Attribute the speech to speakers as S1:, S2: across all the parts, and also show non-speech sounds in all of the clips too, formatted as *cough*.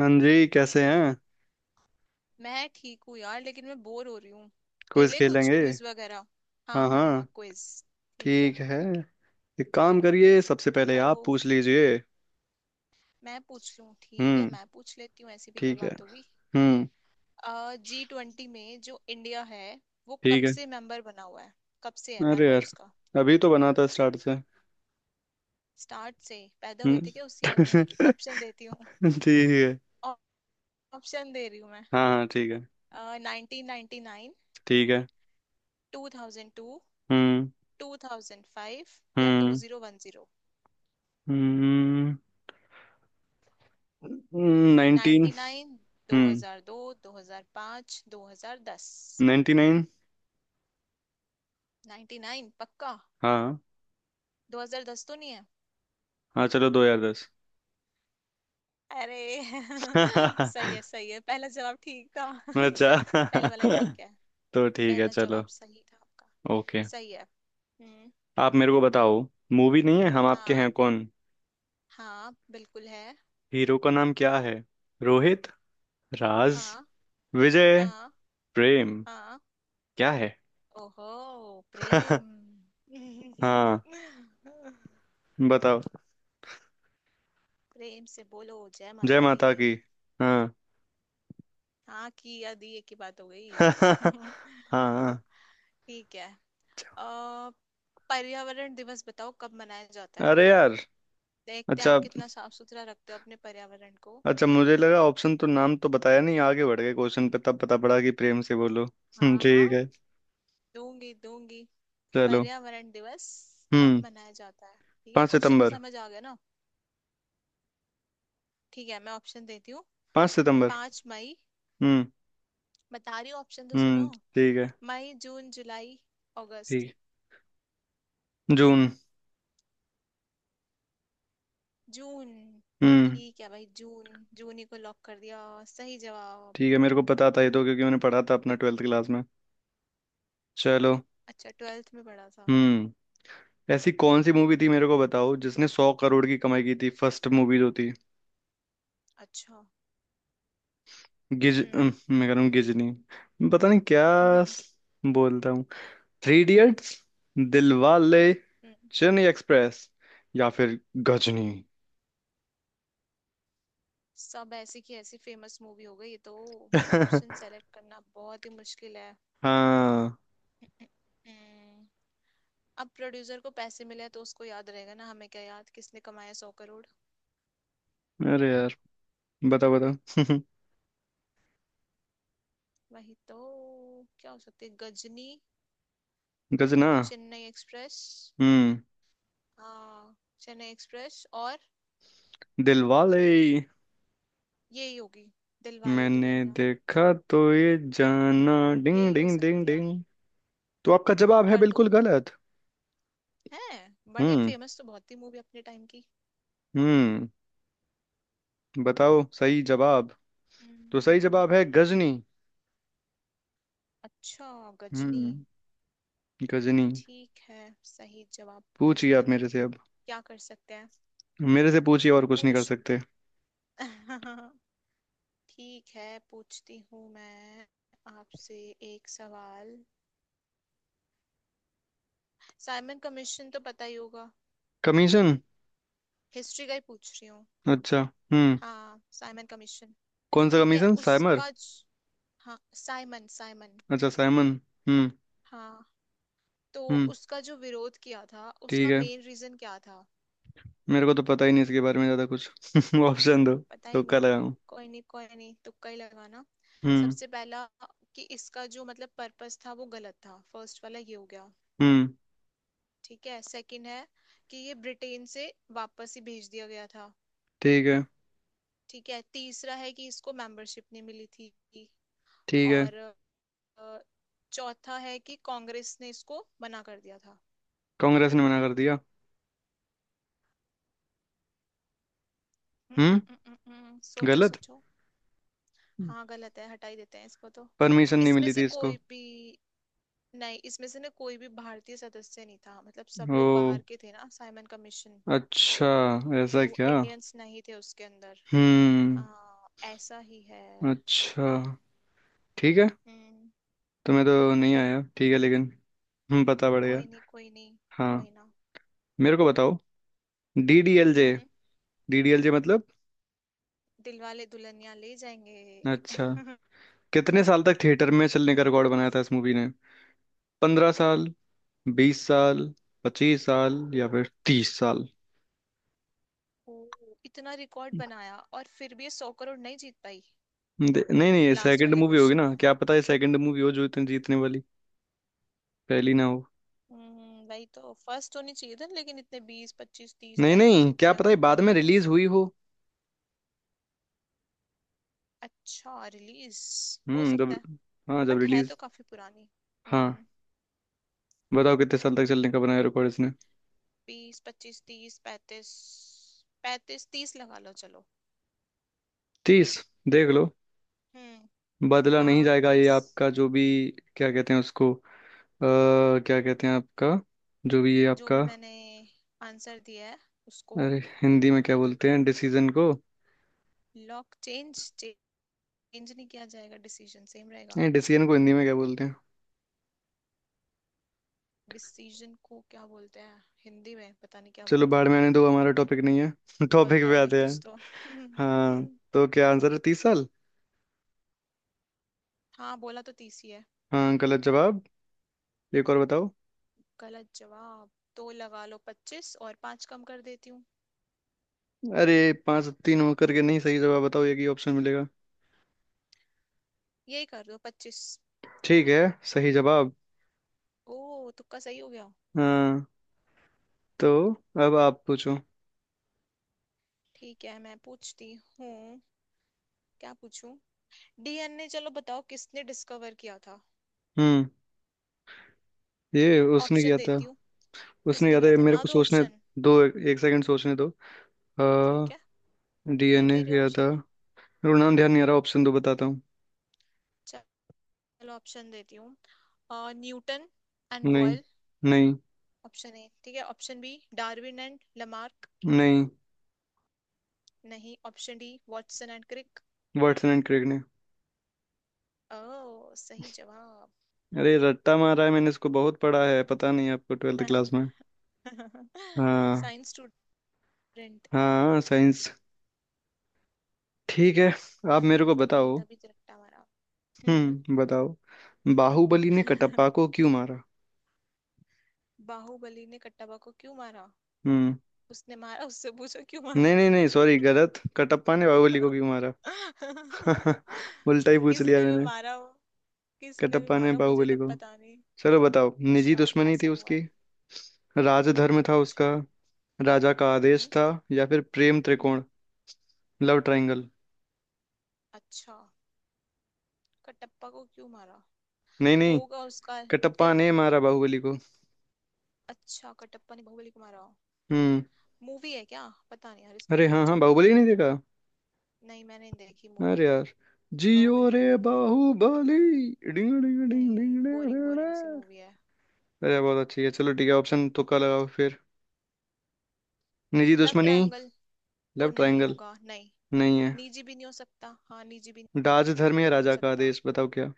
S1: हाँ जी, कैसे हैं।
S2: मैं ठीक हूँ यार, लेकिन मैं बोर हो रही हूँ।
S1: क्विज
S2: खेले कुछ
S1: खेलेंगे।
S2: क्विज वगैरह।
S1: हाँ
S2: हाँ हाँ
S1: हाँ,
S2: हाँ, क्विज। ठीक है,
S1: ठीक है। एक काम करिए, सबसे पहले
S2: करो।
S1: आप पूछ लीजिए।
S2: मैं पूछ लूँ, ठीक है
S1: हम्म।
S2: मैं पूछ लेती हूँ, ऐसी भी क्या
S1: ठीक है।
S2: बात होगी।
S1: हम्म।
S2: जी ट्वेंटी में जो इंडिया है वो कब
S1: ठीक है।
S2: से मेंबर बना हुआ है। कब से है
S1: अरे
S2: मेंबर
S1: यार,
S2: उसका।
S1: अभी तो बना था स्टार्ट से।
S2: स्टार्ट से पैदा हुए
S1: हम्म।
S2: थे क्या उस ईयर में। ऑप्शन देती हूँ।
S1: *laughs* ठीक है।
S2: ऑप्शन दे रही हूँ मैं।
S1: हाँ हाँ, ठीक है।
S2: 1999।
S1: ठीक है।
S2: 2002।
S1: हम्म।
S2: 2005। या टू
S1: हम्म।
S2: जीरो वन जीरो
S1: हम्म। नाइनटीन।
S2: 1999। दो
S1: हम्म।
S2: हजार दो 2005, 2010।
S1: Ninety nine.
S2: 1999 पक्का।
S1: हाँ।
S2: 2010 तो नहीं है।
S1: हाँ चलो, दो हजार दस।
S2: अरे *laughs*
S1: *laughs*
S2: सही है सही है, पहला जवाब ठीक था। *laughs* पहले
S1: अच्छा।
S2: वाला ठीक है।
S1: *laughs* तो ठीक है,
S2: पहला
S1: चलो।
S2: जवाब सही था आपका।
S1: ओके।
S2: सही है। हम्म।
S1: आप मेरे को बताओ। मूवी नहीं है हम आपके
S2: हाँ।
S1: हैं कौन।
S2: हाँ बिल्कुल है।
S1: हीरो का नाम क्या है। रोहित। राज।
S2: हाँ।
S1: विजय।
S2: हाँ।
S1: प्रेम।
S2: हाँ।
S1: क्या है।
S2: ओहो।
S1: *laughs*
S2: प्रेम। *laughs*
S1: हाँ, बताओ।
S2: प्रेम से बोलो जय
S1: जय
S2: माता दी।
S1: माता की। हाँ।
S2: हाँ, की या दी एक ही बात हो
S1: *laughs*
S2: गई।
S1: हाँ।
S2: *laughs*
S1: हाँ।
S2: ठीक है। अ, पर्यावरण दिवस बताओ कब मनाया जाता है।
S1: अरे यार।
S2: देखते हैं
S1: अच्छा।
S2: आप कितना साफ सुथरा रखते हो अपने पर्यावरण को।
S1: अच्छा, मुझे लगा ऑप्शन तो नाम तो बताया नहीं, आगे बढ़ गए क्वेश्चन पे तब पता पड़ा कि प्रेम से बोलो। *laughs*
S2: हाँ हाँ।
S1: ठीक है।
S2: दूंगी दूंगी।
S1: चलो।
S2: पर्यावरण दिवस कब
S1: हम्म।
S2: मनाया जाता है। ठीक है,
S1: पाँच
S2: क्वेश्चन तो
S1: सितंबर
S2: समझ आ गया ना। ठीक है मैं ऑप्शन देती हूँ।
S1: पाँच सितंबर।
S2: 5 मई।
S1: हम्म।
S2: बता रही हूँ, ऑप्शन तो सुनो।
S1: हम्म। ठीक है।
S2: मई, जून, जुलाई, अगस्त।
S1: ठीक। जून।
S2: जून।
S1: हम्म।
S2: ठीक है भाई, जून जून ही को लॉक कर दिया। सही जवाब।
S1: ठीक है, मेरे को पता था ये तो, क्योंकि मैंने पढ़ा था अपना ट्वेल्थ क्लास में। चलो।
S2: अच्छा, ट्वेल्थ में पढ़ा था।
S1: हम्म। ऐसी कौन सी मूवी थी मेरे को बताओ, जिसने 100 करोड़ की कमाई की थी, फर्स्ट मूवी जो थी।
S2: अच्छा। हम्म।
S1: मैं कह रहा हूँ गिजनी। पता नहीं क्या।
S2: *laughs*
S1: स- बोलता हूँ। Three Idiots. दिलवाले।
S2: हम्म।
S1: चेन्नई एक्सप्रेस। या फिर गजनी।
S2: सब ऐसी की ऐसी फेमस मूवी हो गई ये तो। ऑप्शन
S1: *laughs*
S2: सेलेक्ट करना बहुत ही मुश्किल है।
S1: हाँ।
S2: हम्म, अब प्रोड्यूसर को पैसे मिले हैं तो उसको याद रहेगा ना, हमें क्या याद किसने कमाया 100 करोड़।
S1: अरे यार, बताओ बताओ। *laughs*
S2: वही तो। क्या हो सकती है, गजनी।
S1: गजना।
S2: चेन्नई एक्सप्रेस।
S1: हम्म।
S2: हाँ। चेन्नई एक्सप्रेस और
S1: दिलवाले।
S2: यही होगी दिलवाले
S1: मैंने
S2: दुल्हनिया।
S1: देखा तो ये जाना। डिंग
S2: यही हो
S1: डिंग डिंग
S2: सकती है।
S1: डिंग। तो आपका जवाब है
S2: कर दो।
S1: बिल्कुल गलत।
S2: है। बड़ी
S1: हम्म।
S2: फेमस तो बहुत थी मूवी अपने टाइम की।
S1: हम्म। बताओ सही जवाब। तो सही
S2: हम्म।
S1: जवाब है गजनी।
S2: अच्छा, गजनी।
S1: हम्म। गजनी।
S2: ठीक है, सही जवाब।
S1: पूछिए
S2: गजनिया
S1: आप
S2: तो
S1: मेरे से अब।
S2: क्या कर सकते हैं।
S1: मेरे से पूछिए, और कुछ नहीं
S2: पूछ।
S1: कर सकते।
S2: *laughs* ठीक है पूछती हूँ मैं आपसे एक सवाल। साइमन कमीशन तो पता ही होगा।
S1: कमीशन।
S2: हिस्ट्री का ही पूछ रही हूँ।
S1: अच्छा। हम्म।
S2: हाँ साइमन कमीशन।
S1: कौन सा
S2: ठीक है
S1: कमीशन, साइमर।
S2: उसका हाँ साइमन, साइमन।
S1: अच्छा, साइमन। हम्म।
S2: हाँ, तो
S1: हम्म।
S2: उसका जो विरोध किया था
S1: ठीक
S2: उसका
S1: है।
S2: मेन रीजन क्या था।
S1: मेरे को तो पता ही नहीं इसके बारे में ज्यादा कुछ। *laughs* ऑप्शन दो।
S2: पता
S1: तो
S2: ही नहीं।
S1: कर रहा हूँ।
S2: कोई नहीं कोई नहीं, तुक्का ही लगाना।
S1: हम्म।
S2: सबसे पहला, कि इसका जो मतलब पर्पस था वो गलत था, फर्स्ट वाला ये हो गया।
S1: हम्म।
S2: ठीक है, सेकंड है कि ये ब्रिटेन से वापस ही भेज दिया गया था।
S1: ठीक है।
S2: ठीक है, तीसरा है कि इसको मेंबरशिप नहीं मिली थी।
S1: ठीक है।
S2: और अ, चौथा है कि कांग्रेस ने इसको मना कर दिया था।
S1: कांग्रेस ने मना कर दिया।
S2: हम्म, हम्म,
S1: हम्म।
S2: हम्म, हम्म, सोचो
S1: गलत।
S2: सोचो। हाँ गलत है, हटा ही देते हैं इसको तो।
S1: परमिशन नहीं
S2: इसमें
S1: मिली
S2: से
S1: थी इसको।
S2: कोई भी नहीं, इसमें से ना कोई भी भारतीय सदस्य नहीं था, मतलब सब लोग
S1: ओ,
S2: बाहर के थे ना साइमन कमीशन।
S1: अच्छा। ऐसा
S2: तो
S1: क्या।
S2: इंडियंस नहीं थे उसके अंदर।
S1: हम्म।
S2: हाँ ऐसा ही है।
S1: अच्छा। ठीक है।
S2: हम्म।
S1: तुम्हें तो नहीं आया, ठीक है, लेकिन हम्म, पता पड़ेगा।
S2: कोई नहीं कोई नहीं।
S1: हाँ।
S2: कोई ना।
S1: मेरे को बताओ। डीडीएलजे।
S2: हम्म।
S1: डीडीएलजे मतलब।
S2: दिलवाले दुल्हनिया ले जाएंगे।
S1: अच्छा।
S2: *laughs*
S1: कितने साल तक थिएटर में चलने का रिकॉर्ड बनाया था इस मूवी ने। 15 साल। 20 साल। 25 साल या फिर 30 साल।
S2: ओ। इतना रिकॉर्ड बनाया और फिर भी ये 100 करोड़ नहीं जीत पाई।
S1: नहीं नहीं, ये
S2: लास्ट
S1: सेकंड
S2: वाले
S1: मूवी होगी
S2: क्वेश्चन
S1: ना,
S2: में।
S1: क्या पता ये सेकंड मूवी हो जो इतने जीतने वाली पहली ना हो।
S2: हम्म, भाई तो फर्स्ट होनी चाहिए था, लेकिन इतने बीस पच्चीस तीस
S1: नहीं
S2: पैंतीस
S1: नहीं, क्या
S2: इतने
S1: पता है
S2: अगर
S1: बाद में
S2: करें तो।
S1: रिलीज हुई हो।
S2: अच्छा रिलीज। हो
S1: हम्म, जब।
S2: सकता है।
S1: हाँ, जब
S2: बट है तो
S1: रिलीज।
S2: काफी पुरानी।
S1: हाँ,
S2: हम्म।
S1: बताओ कितने साल तक चलने का बनाया रिकॉर्ड इसने।
S2: 20, 25, 30, 35। 35, 30 लगा लो चलो।
S1: तीस। देख लो,
S2: हम्म।
S1: बदला
S2: हाँ
S1: नहीं
S2: हाँ
S1: जाएगा ये
S2: 30।
S1: आपका जो भी। क्या कहते हैं उसको क्या कहते हैं आपका जो भी ये
S2: जो
S1: आपका।
S2: भी मैंने आंसर दिया है उसको
S1: अरे हिंदी में क्या बोलते हैं डिसीजन को।
S2: लॉक, चेंज चेंज नहीं किया जाएगा, डिसीजन सेम रहेगा।
S1: नहीं, डिसीजन को हिंदी में क्या बोलते हैं।
S2: डिसीजन को क्या बोलते हैं हिंदी में, पता नहीं क्या
S1: चलो
S2: बोलते
S1: बाढ़
S2: हैं।
S1: में आने दो, हमारा टॉपिक नहीं है। *laughs* टॉपिक
S2: बोलते
S1: पे
S2: होंगे
S1: आते
S2: कुछ
S1: हैं।
S2: तो।
S1: हाँ,
S2: *laughs*
S1: तो क्या आंसर है, 30 साल।
S2: हाँ, बोला तो 30 ही है।
S1: हाँ गलत जवाब। एक और बताओ।
S2: गलत जवाब। तो लगा लो 25, और 5 कम कर देती हूँ।
S1: अरे पाँच तीन होकर के नहीं, सही जवाब बताओ, एक ही ऑप्शन मिलेगा।
S2: यही कर दो 25।
S1: ठीक है, सही जवाब।
S2: ओ, तुक्का सही हो गया।
S1: हाँ। तो अब आप पूछो।
S2: ठीक है मैं पूछती हूँ, क्या पूछूं। डीएनए, चलो बताओ किसने डिस्कवर किया था।
S1: हम्म। ये उसने
S2: ऑप्शन
S1: किया था।
S2: देती हूँ।
S1: उसने
S2: किसने
S1: किया था
S2: किया
S1: ये,
S2: था
S1: मेरे
S2: ना,
S1: को
S2: दो
S1: सोचने
S2: ऑप्शन।
S1: दो, एक एक सेकंड सोचने दो।
S2: ठीक है।
S1: हाँ।
S2: नहीं,
S1: डीएनए
S2: दे रही
S1: किया था।
S2: ऑप्शन।
S1: मेरे को नाम ध्यान नहीं आ रहा, ऑप्शन दो बताता हूँ।
S2: चलो। ऑप्शन देती हूँ। अ, न्यूटन एंड
S1: नहीं।
S2: बॉयल।
S1: नहीं।
S2: ऑप्शन ए ठीक है, option B Darwin and Lamarck.
S1: नहीं।
S2: नहीं, option D Watson and Crick.
S1: Watson and Crick ने।
S2: ओ सही जवाब।
S1: अरे रट्टा मारा है मैंने, इसको बहुत पढ़ा है, पता नहीं आपको ट्वेल्थ क्लास में।
S2: *laughs*
S1: हाँ।
S2: Science student.
S1: हाँ, साइंस। ठीक है। आप मेरे
S2: तभी
S1: को
S2: तभी
S1: बताओ।
S2: तभी तो रट्टा मारा। हम्म।
S1: हम्म, बताओ। बाहुबली ने कटप्पा
S2: *laughs*
S1: को क्यों मारा।
S2: बाहुबली ने कट्टाबा को क्यों मारा।
S1: हम्म,
S2: उसने मारा, उससे पूछो क्यों
S1: नहीं
S2: मारा।
S1: नहीं नहीं, सॉरी गलत, कटप्पा ने बाहुबली को क्यों
S2: *laughs*
S1: मारा। *laughs* उल्टा ही पूछ
S2: किसी
S1: लिया
S2: ने भी
S1: मैंने।
S2: मारा हो किसी ने भी
S1: कटप्पा ने
S2: मारा हो, मुझे
S1: बाहुबली
S2: तब
S1: को।
S2: पता नहीं।
S1: चलो बताओ, निजी
S2: अच्छा,
S1: दुश्मनी
S2: ऐसा
S1: थी
S2: हुआ
S1: उसकी,
S2: है।
S1: राजधर्म था
S2: अच्छा।
S1: उसका, राजा का आदेश
S2: हम्म।
S1: था या फिर प्रेम
S2: हम्म।
S1: त्रिकोण, लव ट्रायंगल।
S2: अच्छा, कटप्पा को क्यों मारा।
S1: नहीं नहीं,
S2: होगा उसका।
S1: कटप्पा
S2: फिर।
S1: ने मारा बाहुबली को।
S2: अच्छा, कटप्पा ने बाहुबली को मारा हो।
S1: हम्म।
S2: मूवी है क्या पता नहीं यार, इसका
S1: अरे
S2: तो
S1: हाँ हाँ,
S2: मुझे
S1: बाहुबली
S2: तो।
S1: नहीं देखा।
S2: नहीं, मैंने नहीं देखी मूवी।
S1: अरे यार, जियो
S2: बाहुबली
S1: रे
S2: मूवी नहीं।
S1: बाहुबली। डिंग डिंग डिंग
S2: नहीं,
S1: डिंग
S2: बोरिंग
S1: डिंग,
S2: बोरिंग सी
S1: डिंग।
S2: मूवी है।
S1: अरे बहुत अच्छी है। चलो ठीक है, ऑप्शन तुक्का लगाओ फिर। निजी
S2: लव
S1: दुश्मनी,
S2: ट्रायंगल तो
S1: लव
S2: नहीं
S1: ट्रायंगल,
S2: होगा नहीं।
S1: नहीं है।
S2: निजी भी नहीं हो सकता, हाँ निजी भी
S1: राजधर्म या
S2: नहीं हो
S1: राजा का
S2: सकता।
S1: आदेश, बताओ क्या।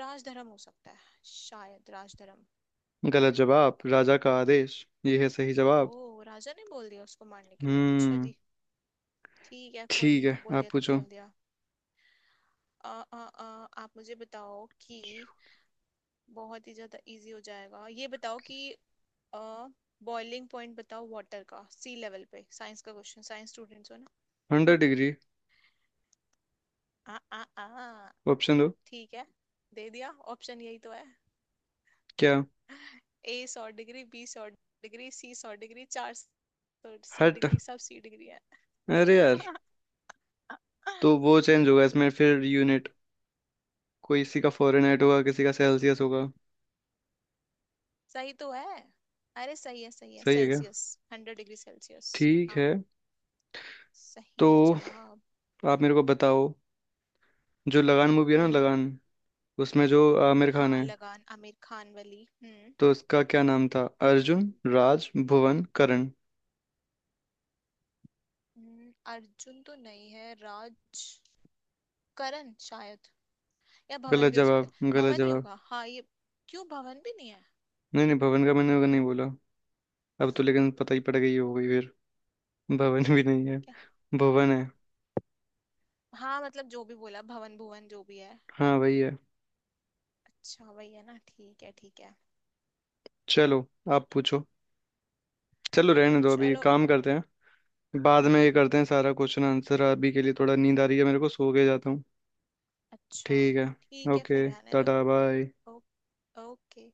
S2: राजधर्म हो सकता है, शायद राजधर्म।
S1: गलत जवाब, राजा का आदेश ये है सही
S2: ओ,
S1: जवाब।
S2: राजा ने बोल दिया उसको मारने के लिए, अच्छा
S1: हम्म।
S2: जी। ठीक है कोई
S1: ठीक
S2: नहीं,
S1: है,
S2: बोल
S1: आप
S2: दिया तो
S1: पूछो।
S2: बोल दिया। अ, अ, आप मुझे बताओ कि बहुत ही ज्यादा इजी हो जाएगा ये, बताओ कि बॉइलिंग पॉइंट बताओ वाटर का सी लेवल पे, साइंस का क्वेश्चन, साइंस स्टूडेंट्स हो ना। हम्म,
S1: 100 डिग्री।
S2: आ आ आ
S1: ऑप्शन दो।
S2: ठीक है। दे दिया ऑप्शन, यही तो है।
S1: क्या।
S2: ए 100 डिग्री, बी 100 डिग्री, सी 100 डिग्री, 400 सी
S1: हट।
S2: डिग्री, सब सी डिग्री है।
S1: अरे यार,
S2: *laughs*
S1: तो वो चेंज होगा इसमें फिर यूनिट, कोई किसी का फॉरेनहाइट होगा, किसी का सेल्सियस होगा।
S2: सही तो है। अरे सही है
S1: सही है क्या।
S2: सेल्सियस। 100 degree Celsius.
S1: ठीक
S2: हाँ
S1: है।
S2: सही
S1: तो
S2: है जवाब।
S1: आप मेरे को बताओ, जो लगान मूवी है ना,
S2: हम्म।
S1: लगान, उसमें जो आमिर खान
S2: हाँ,
S1: है,
S2: लगान, आमिर खान वाली। हम्म।
S1: तो उसका क्या नाम था। अर्जुन, राज, भुवन, करण।
S2: अर्जुन तो नहीं है, राज करण शायद, या भवन
S1: गलत
S2: भी हो सकता
S1: जवाब,
S2: है,
S1: गलत
S2: भवन ही
S1: जवाब।
S2: होगा हाँ ये। क्यों, भवन भी नहीं है।
S1: नहीं नहीं, भवन का मैंने नहीं बोला, अब तो लेकिन पता ही पड़ गई, हो गई फिर। भवन भी नहीं है।
S2: क्या।
S1: भवन है।
S2: हाँ, मतलब जो भी बोला भवन भुवन जो भी है।
S1: हाँ, वही है।
S2: अच्छा वही है ना, ठीक है ठीक है।
S1: चलो आप पूछो। चलो रहने दो, अभी
S2: चलो।
S1: काम करते हैं। बाद में ये
S2: हम्म।
S1: करते हैं सारा क्वेश्चन आंसर, अभी के लिए थोड़ा नींद आ रही है मेरे को, सो के जाता हूँ।
S2: अच्छा।
S1: ठीक है,
S2: ठीक है, फिर
S1: ओके
S2: रहने दो।
S1: Tata bye.
S2: ओ, ओके।